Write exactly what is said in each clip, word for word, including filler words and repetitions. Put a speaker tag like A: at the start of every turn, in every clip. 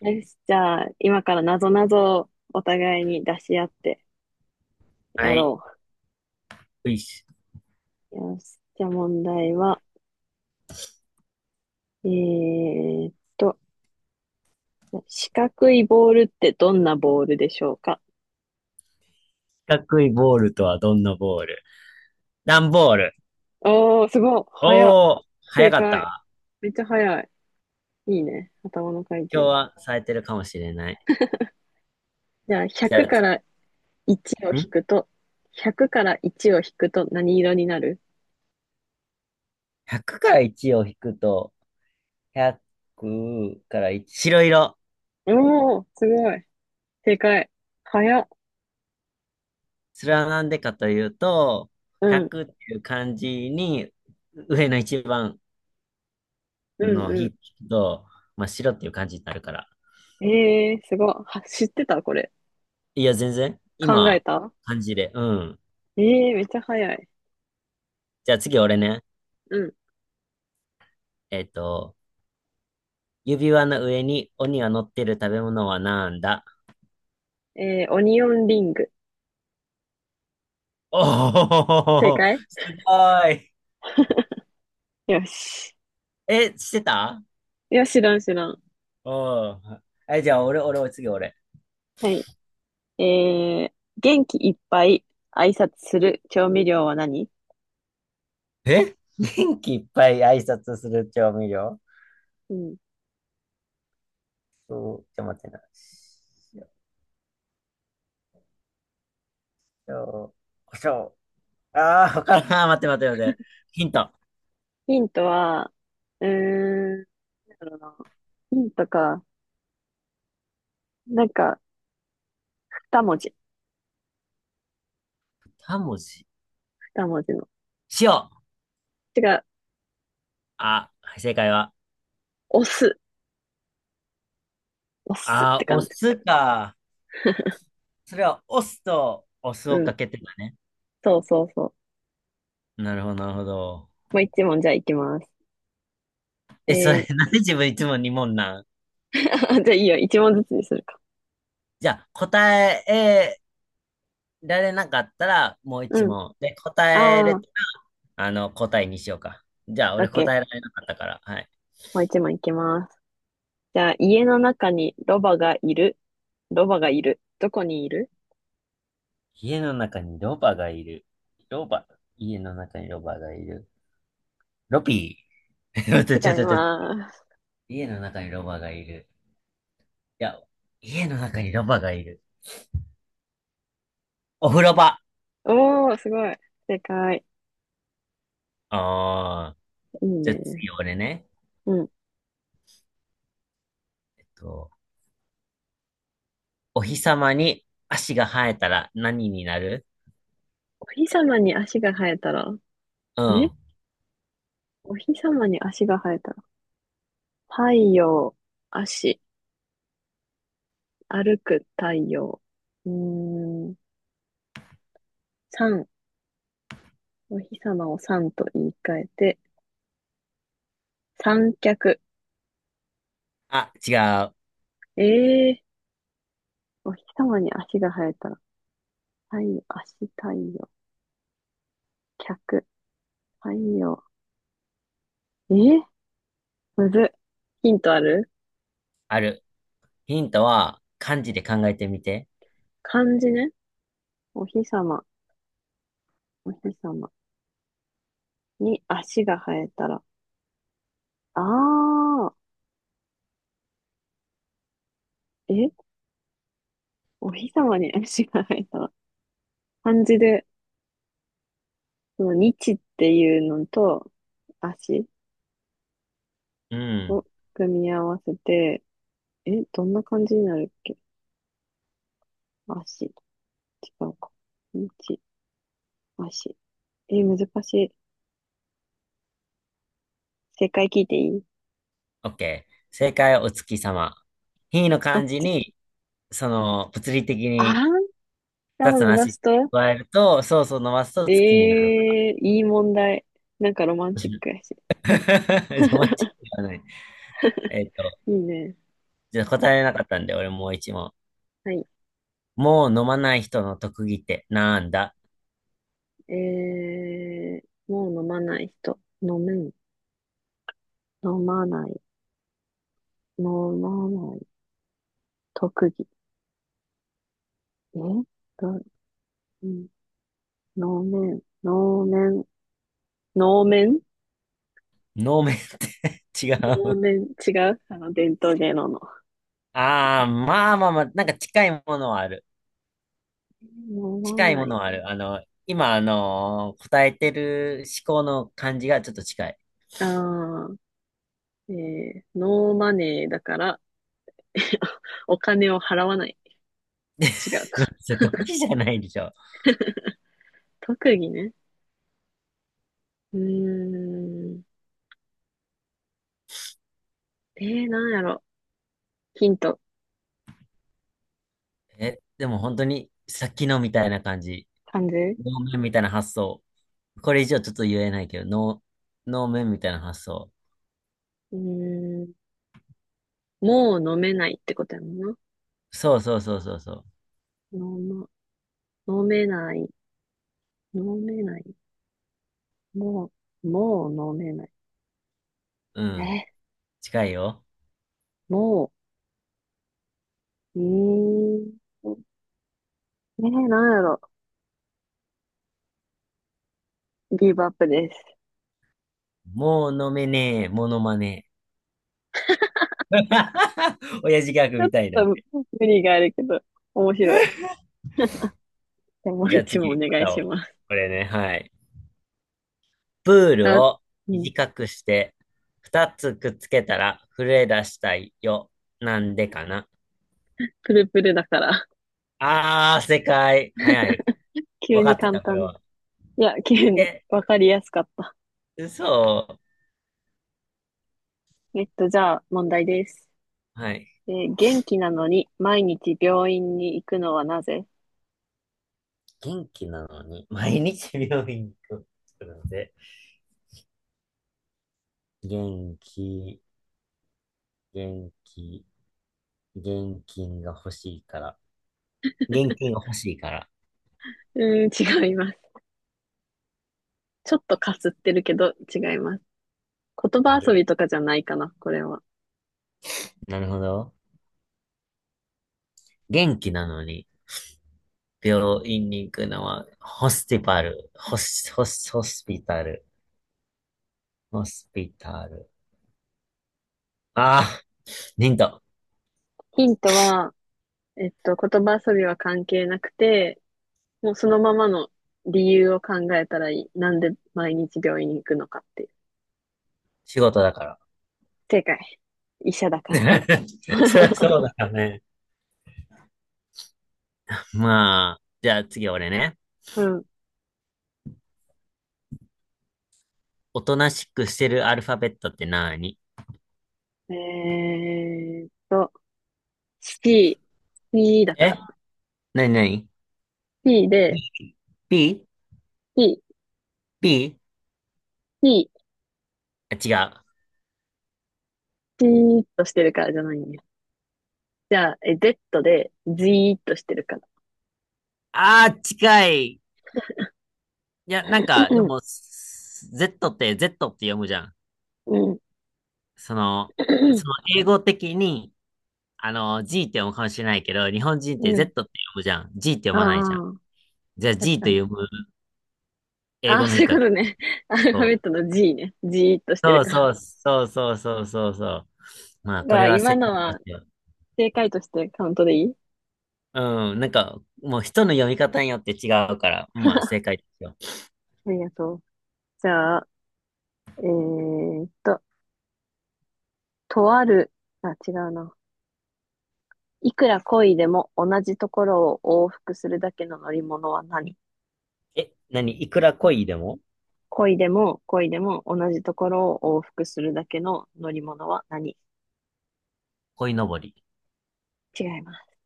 A: よし、じゃあ、今からなぞなぞをお互いに出し合ってや
B: はい。
A: ろ
B: うい四
A: う。よし、じゃあ問題は、えーっと、四角いボールってどんなボールでしょうか？
B: 角いボールとはどんなボール？段ボール。
A: おー、すごい。早っ。
B: おー、早
A: 正
B: かっ
A: 解。
B: た。
A: めっちゃ早い。いいね。頭の回
B: 今日
A: 転。
B: は冴えてるかもしれない。
A: じゃあ、
B: じ
A: ひゃく
B: ゃ
A: からいちを
B: あ、
A: 引
B: ん
A: くと、ひゃくからいちを引くと何色になる？
B: ?ひゃく からいちを引くと、ひゃくからいち。白色。
A: おー、すごい。正解。早っ。
B: それはなんでかというと、
A: うん、
B: ひゃくっていう漢字に、上の一番
A: う
B: の
A: ん、う
B: 日と、まあ、白っていう漢字になるから。
A: ん。えー、すごい。は、知ってたこれ？
B: いや、全然。
A: 考え
B: 今、
A: た。
B: 漢字で。うん。
A: えーめっちゃ早い。
B: じゃあ次俺ね。
A: うん。
B: えっと、指輪の上に鬼が乗ってる食べ物はなんだ？
A: えー、オニオンリング。正
B: おお、
A: 解。
B: すごい。
A: よし。
B: え、してた？
A: いや、知らん知らん。
B: おおー。え、じゃあ、俺、俺、次、俺。
A: はい。えー、元気いっぱい挨拶する調味料は何？
B: え元気いっぱい挨拶する調味料？
A: うん。
B: そうん、ちょ、待ってな。塩、胡椒。ああ、わからん。ー待って待って待って。ヒント。
A: ヒントは、うーん、なんだろうな。ヒントか。なんか、二文字。
B: にもじ。
A: 二文字の。
B: 塩。
A: 違う。
B: あ、正解は。
A: 押す。押すっ
B: あ
A: て
B: ー、お
A: 感じ。
B: 酢か。それは、お酢とお酢
A: う
B: を
A: ん。
B: かけてたね。
A: そうそうそう。
B: なるほど、なるほど。
A: もう一問じゃあいきます。
B: え、そ
A: え
B: れ、
A: ー、
B: なんで自分いつもにもん問なん？
A: じゃあいいよ。一問ずつにするか。
B: じゃあ、答えられなかったら、もう
A: うん。
B: いちもん問。で、答えれ
A: あ
B: た
A: ー、
B: ら、あの、答えにしようか。じゃあ、
A: オッ
B: 俺
A: ケ
B: 答えら
A: ー。
B: れなかったから。はい。
A: もう一問いきます。じゃあ、家の中にロバがいる。ロバがいる。どこにいる？
B: 家の中にロバがいる。ロバ。家の中にロバがいる。ロピー。待っ
A: 違
B: て
A: い
B: ちょっと待って。
A: ます。
B: 家の中にロバがいる。いや、家の中にロバがいる。お風呂場。
A: おー、すごい。正解。
B: ああ。
A: いい
B: じゃあ
A: ね。
B: 次、俺ね。
A: うん。
B: えっとお日様に足が生えたら何になる？
A: お日様に足が生えたら、
B: う
A: え
B: ん。
A: お日様に足が生えたら、太陽、足、歩く太陽。うーん。三、お日様を三と言い換えて、さんきゃく。
B: あ、違う。
A: ええー、お日様に足が生えたら、太陽、足、太陽、脚、太陽。えーむずっ。ヒントある？
B: ある。ヒントは漢字で考えてみて。
A: 漢字ね。お日様、お日様に足が生えたら。ああ、えお日様に足が生えたら。漢字で、その日っていうのと足
B: うん。
A: を組み合わせて、え、どんな感じになるっけ？足、違うか。日、足。え、難しい。正解聞いていい？
B: オッケー。正解はお月様。ひの
A: おっ
B: 漢字
A: つき。
B: に、その、物理的
A: あ
B: に
A: ー、下
B: 二
A: を
B: つの
A: 伸ば
B: 足
A: すと
B: 加えると、そうそう伸ばすと月になる。
A: ええー、いい問題。なんかロマンチックや し。
B: ロマンチックではない。えっと、
A: いいね。
B: じゃあ答えなかったんで、俺もういちもん。
A: はい。
B: もう飲まない人の特技ってなんだ？
A: えー、もう飲まない人。飲めん。飲まない。飲まない。特技。えど、うん。能面。能面。能面
B: 飲めって 違
A: 能
B: う。
A: 面。違うあの、伝統芸能の。
B: ああ、まあまあまあ、なんか近いものはある。
A: 飲ま
B: 近い
A: な
B: もの
A: い。
B: はある。あの、今、あのー答えてる思考の感じがちょっと近い。
A: ああ、えー、ノーマネーだから、お金を払わない。違うか。
B: それ特技じゃないでしょ。
A: 特技ね。うーん。えー、なんやろ。ヒント。
B: え、でも本当に、さっきのみたいな感じ。
A: 漢字
B: 能面みたいな発想。これ以上ちょっと言えないけど、能、能面みたいな発想。
A: うーん。もう飲めないってことやもんな。
B: そうそうそうそうそ
A: 飲ま飲めない。飲めない。もう、もう飲めない。
B: う。うん。
A: え、
B: 近いよ。
A: もう、うーん。ねえなんやろ。ギブアップです。
B: もう飲めねえ、モノマネ。親父ギャグ
A: ちょっ
B: みたいなん
A: と
B: で。
A: 無理があるけど、面白い。でもう
B: じゃあ
A: 一問お
B: 次、ま
A: 願い
B: た
A: し
B: を。
A: ます。
B: これね、はい。プール
A: あ、
B: を
A: うん。
B: 短くして、二つくっつけたら震え出したいよ。なんでかな。
A: プルプルだから。
B: あー、正解。早い。
A: 急
B: わか
A: に
B: って
A: 簡
B: た、これ
A: 単。
B: は。
A: いや、急に
B: え、
A: わかりやすかった。
B: 嘘。
A: えっと、じゃあ、問題です。
B: はい。
A: えー元気なのに毎日病院に行くのはなぜ？
B: 元気なのに、毎日病院に行くので、元気、元気、現金が欲しいから。現金が欲しいから。
A: うーん、違います。ちょっとかすってるけど、違います。言葉遊び
B: げ
A: とかじゃないかな、これは。
B: なるほど。元気なのに、病院に行くのは、ホスティパル、ホス、ホス、ホスピタル。ホスピタル。ああ、ヒント。
A: ヒントは、えっと、言葉遊びは関係なくて、もうそのままの理由を考えたらいい。なんで毎日病院に行くのかっていう。
B: 仕事だから。
A: 正解。医者だから。
B: そりゃそ うだよね。まあ、じゃあ次俺ね。
A: うん。
B: おとなしくしてるアルファベットって何？
A: えーっと、C、C だか
B: え
A: ら。
B: なになに
A: シー
B: ?B?
A: で、
B: B?
A: C、
B: B?
A: C、
B: あ、違う。
A: C ーっとしてるからじゃないんだよ。じゃあ、え、Z で、Z ーっとしてるから。
B: ああ、近い。いや、なん か、で
A: うん、
B: も、S- Z って Z って読むじゃん。その、
A: うん、
B: その英語的に、あの、G って読むかもしれないけど、日本人って Z って読むじゃん。G って読
A: あ
B: まないじゃん。
A: あ、
B: じゃあ G
A: 確か
B: と
A: に。
B: 読む英
A: あ
B: 語
A: あ、
B: の
A: そういう
B: 人。
A: ことね。アルファベッ
B: そう
A: トの ジー ね。じーっとしてる
B: そう
A: から。
B: そうそうそうそうそうそう。まあ、こ
A: ま
B: れは
A: 今
B: 正
A: の
B: 解で
A: は
B: すよ。
A: 正解としてカウントでいい？
B: うん、なんか、もう人の読み方によって違うから、まあ、正解ですよ。
A: ありがとう。じゃあ、えーっと、とある、あ、違うな。いくら恋でも同じところを往復するだけの乗り物は何？
B: え、何いくら恋でも？
A: 恋でも恋でも同じところを往復するだけの乗り物は何？
B: 恋のぼり。
A: 違います。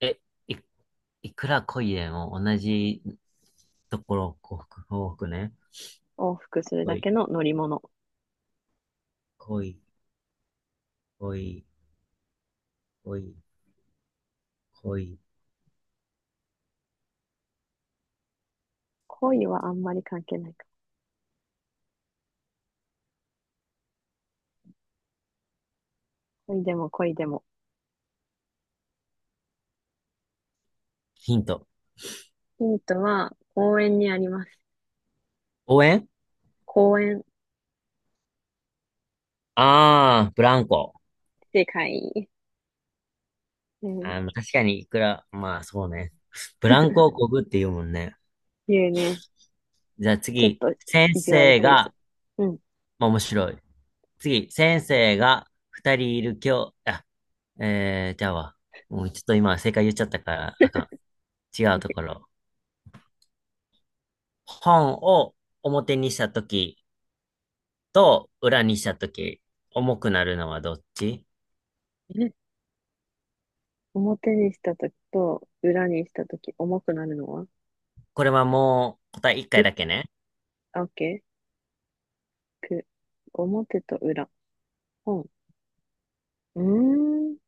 B: え、い、いくら恋でも同じところを幸福、幸福ね。
A: 往復するだ
B: 恋、
A: けの乗り物。
B: 恋、恋、恋、恋。
A: 恋はあんまり関係ないか。恋でも恋でも。
B: ヒント。
A: ヒントは公園にあります。
B: 応援？
A: 公園。
B: ああー、ブランコ。
A: 正解。うん。
B: あの、確かにいくら、まあ、そうね。ブランコをこぐって言うもんね。
A: 言うね。
B: じゃあ
A: ちょっ
B: 次、
A: と
B: 先
A: 意地悪
B: 生
A: クイズ。
B: が、
A: うん。
B: まあ、面白い。次、先生がふたりいる教あ、えー、じゃあわ。もうちょっと今正解言っちゃったからあかん。違うところ。本を表にしたときと裏にしたとき、重くなるのはどっち？
A: え表にしたときと裏にしたとき重くなるのは？
B: これはもう答えいっかい
A: ぶ、
B: だけね。
A: あ、オッケー。く、表と裏。本。うーん。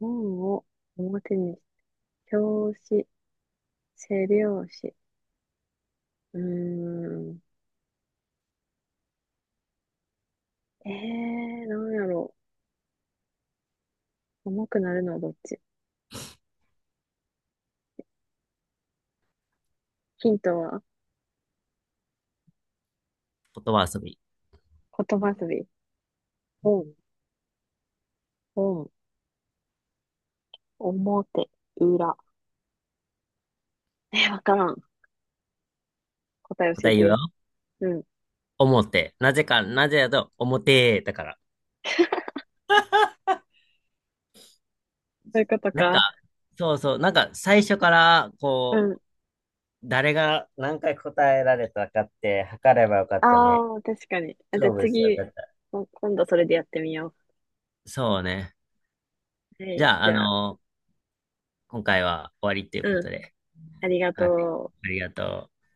A: 本を表にし、表紙、背表紙。うーん。えー、なんやろう。重くなるのはどっち？ヒントは
B: 言葉遊び。
A: 言葉遊び。本。本、表、裏。えわからん。答え教
B: 答
A: え
B: え言うよ。
A: て。うん。
B: 表。なぜか、なぜだと表だから。
A: そういうこと
B: なん
A: か。
B: か、そうそう、なんか最初から
A: う
B: こう、
A: ん。
B: 誰が何回答えられたかって測ればよかったね。
A: ああ、確かに。あ、じゃあ
B: 勝負してよ
A: 次、
B: かった。
A: こ今度それでやってみよ
B: そうね。
A: う。は
B: じ
A: い。
B: ゃあ、
A: じ
B: あ
A: ゃあ、
B: の、今回は終わりっていうこ
A: う
B: と
A: ん。
B: で。
A: ありが
B: はい。
A: とう。
B: ありがとう。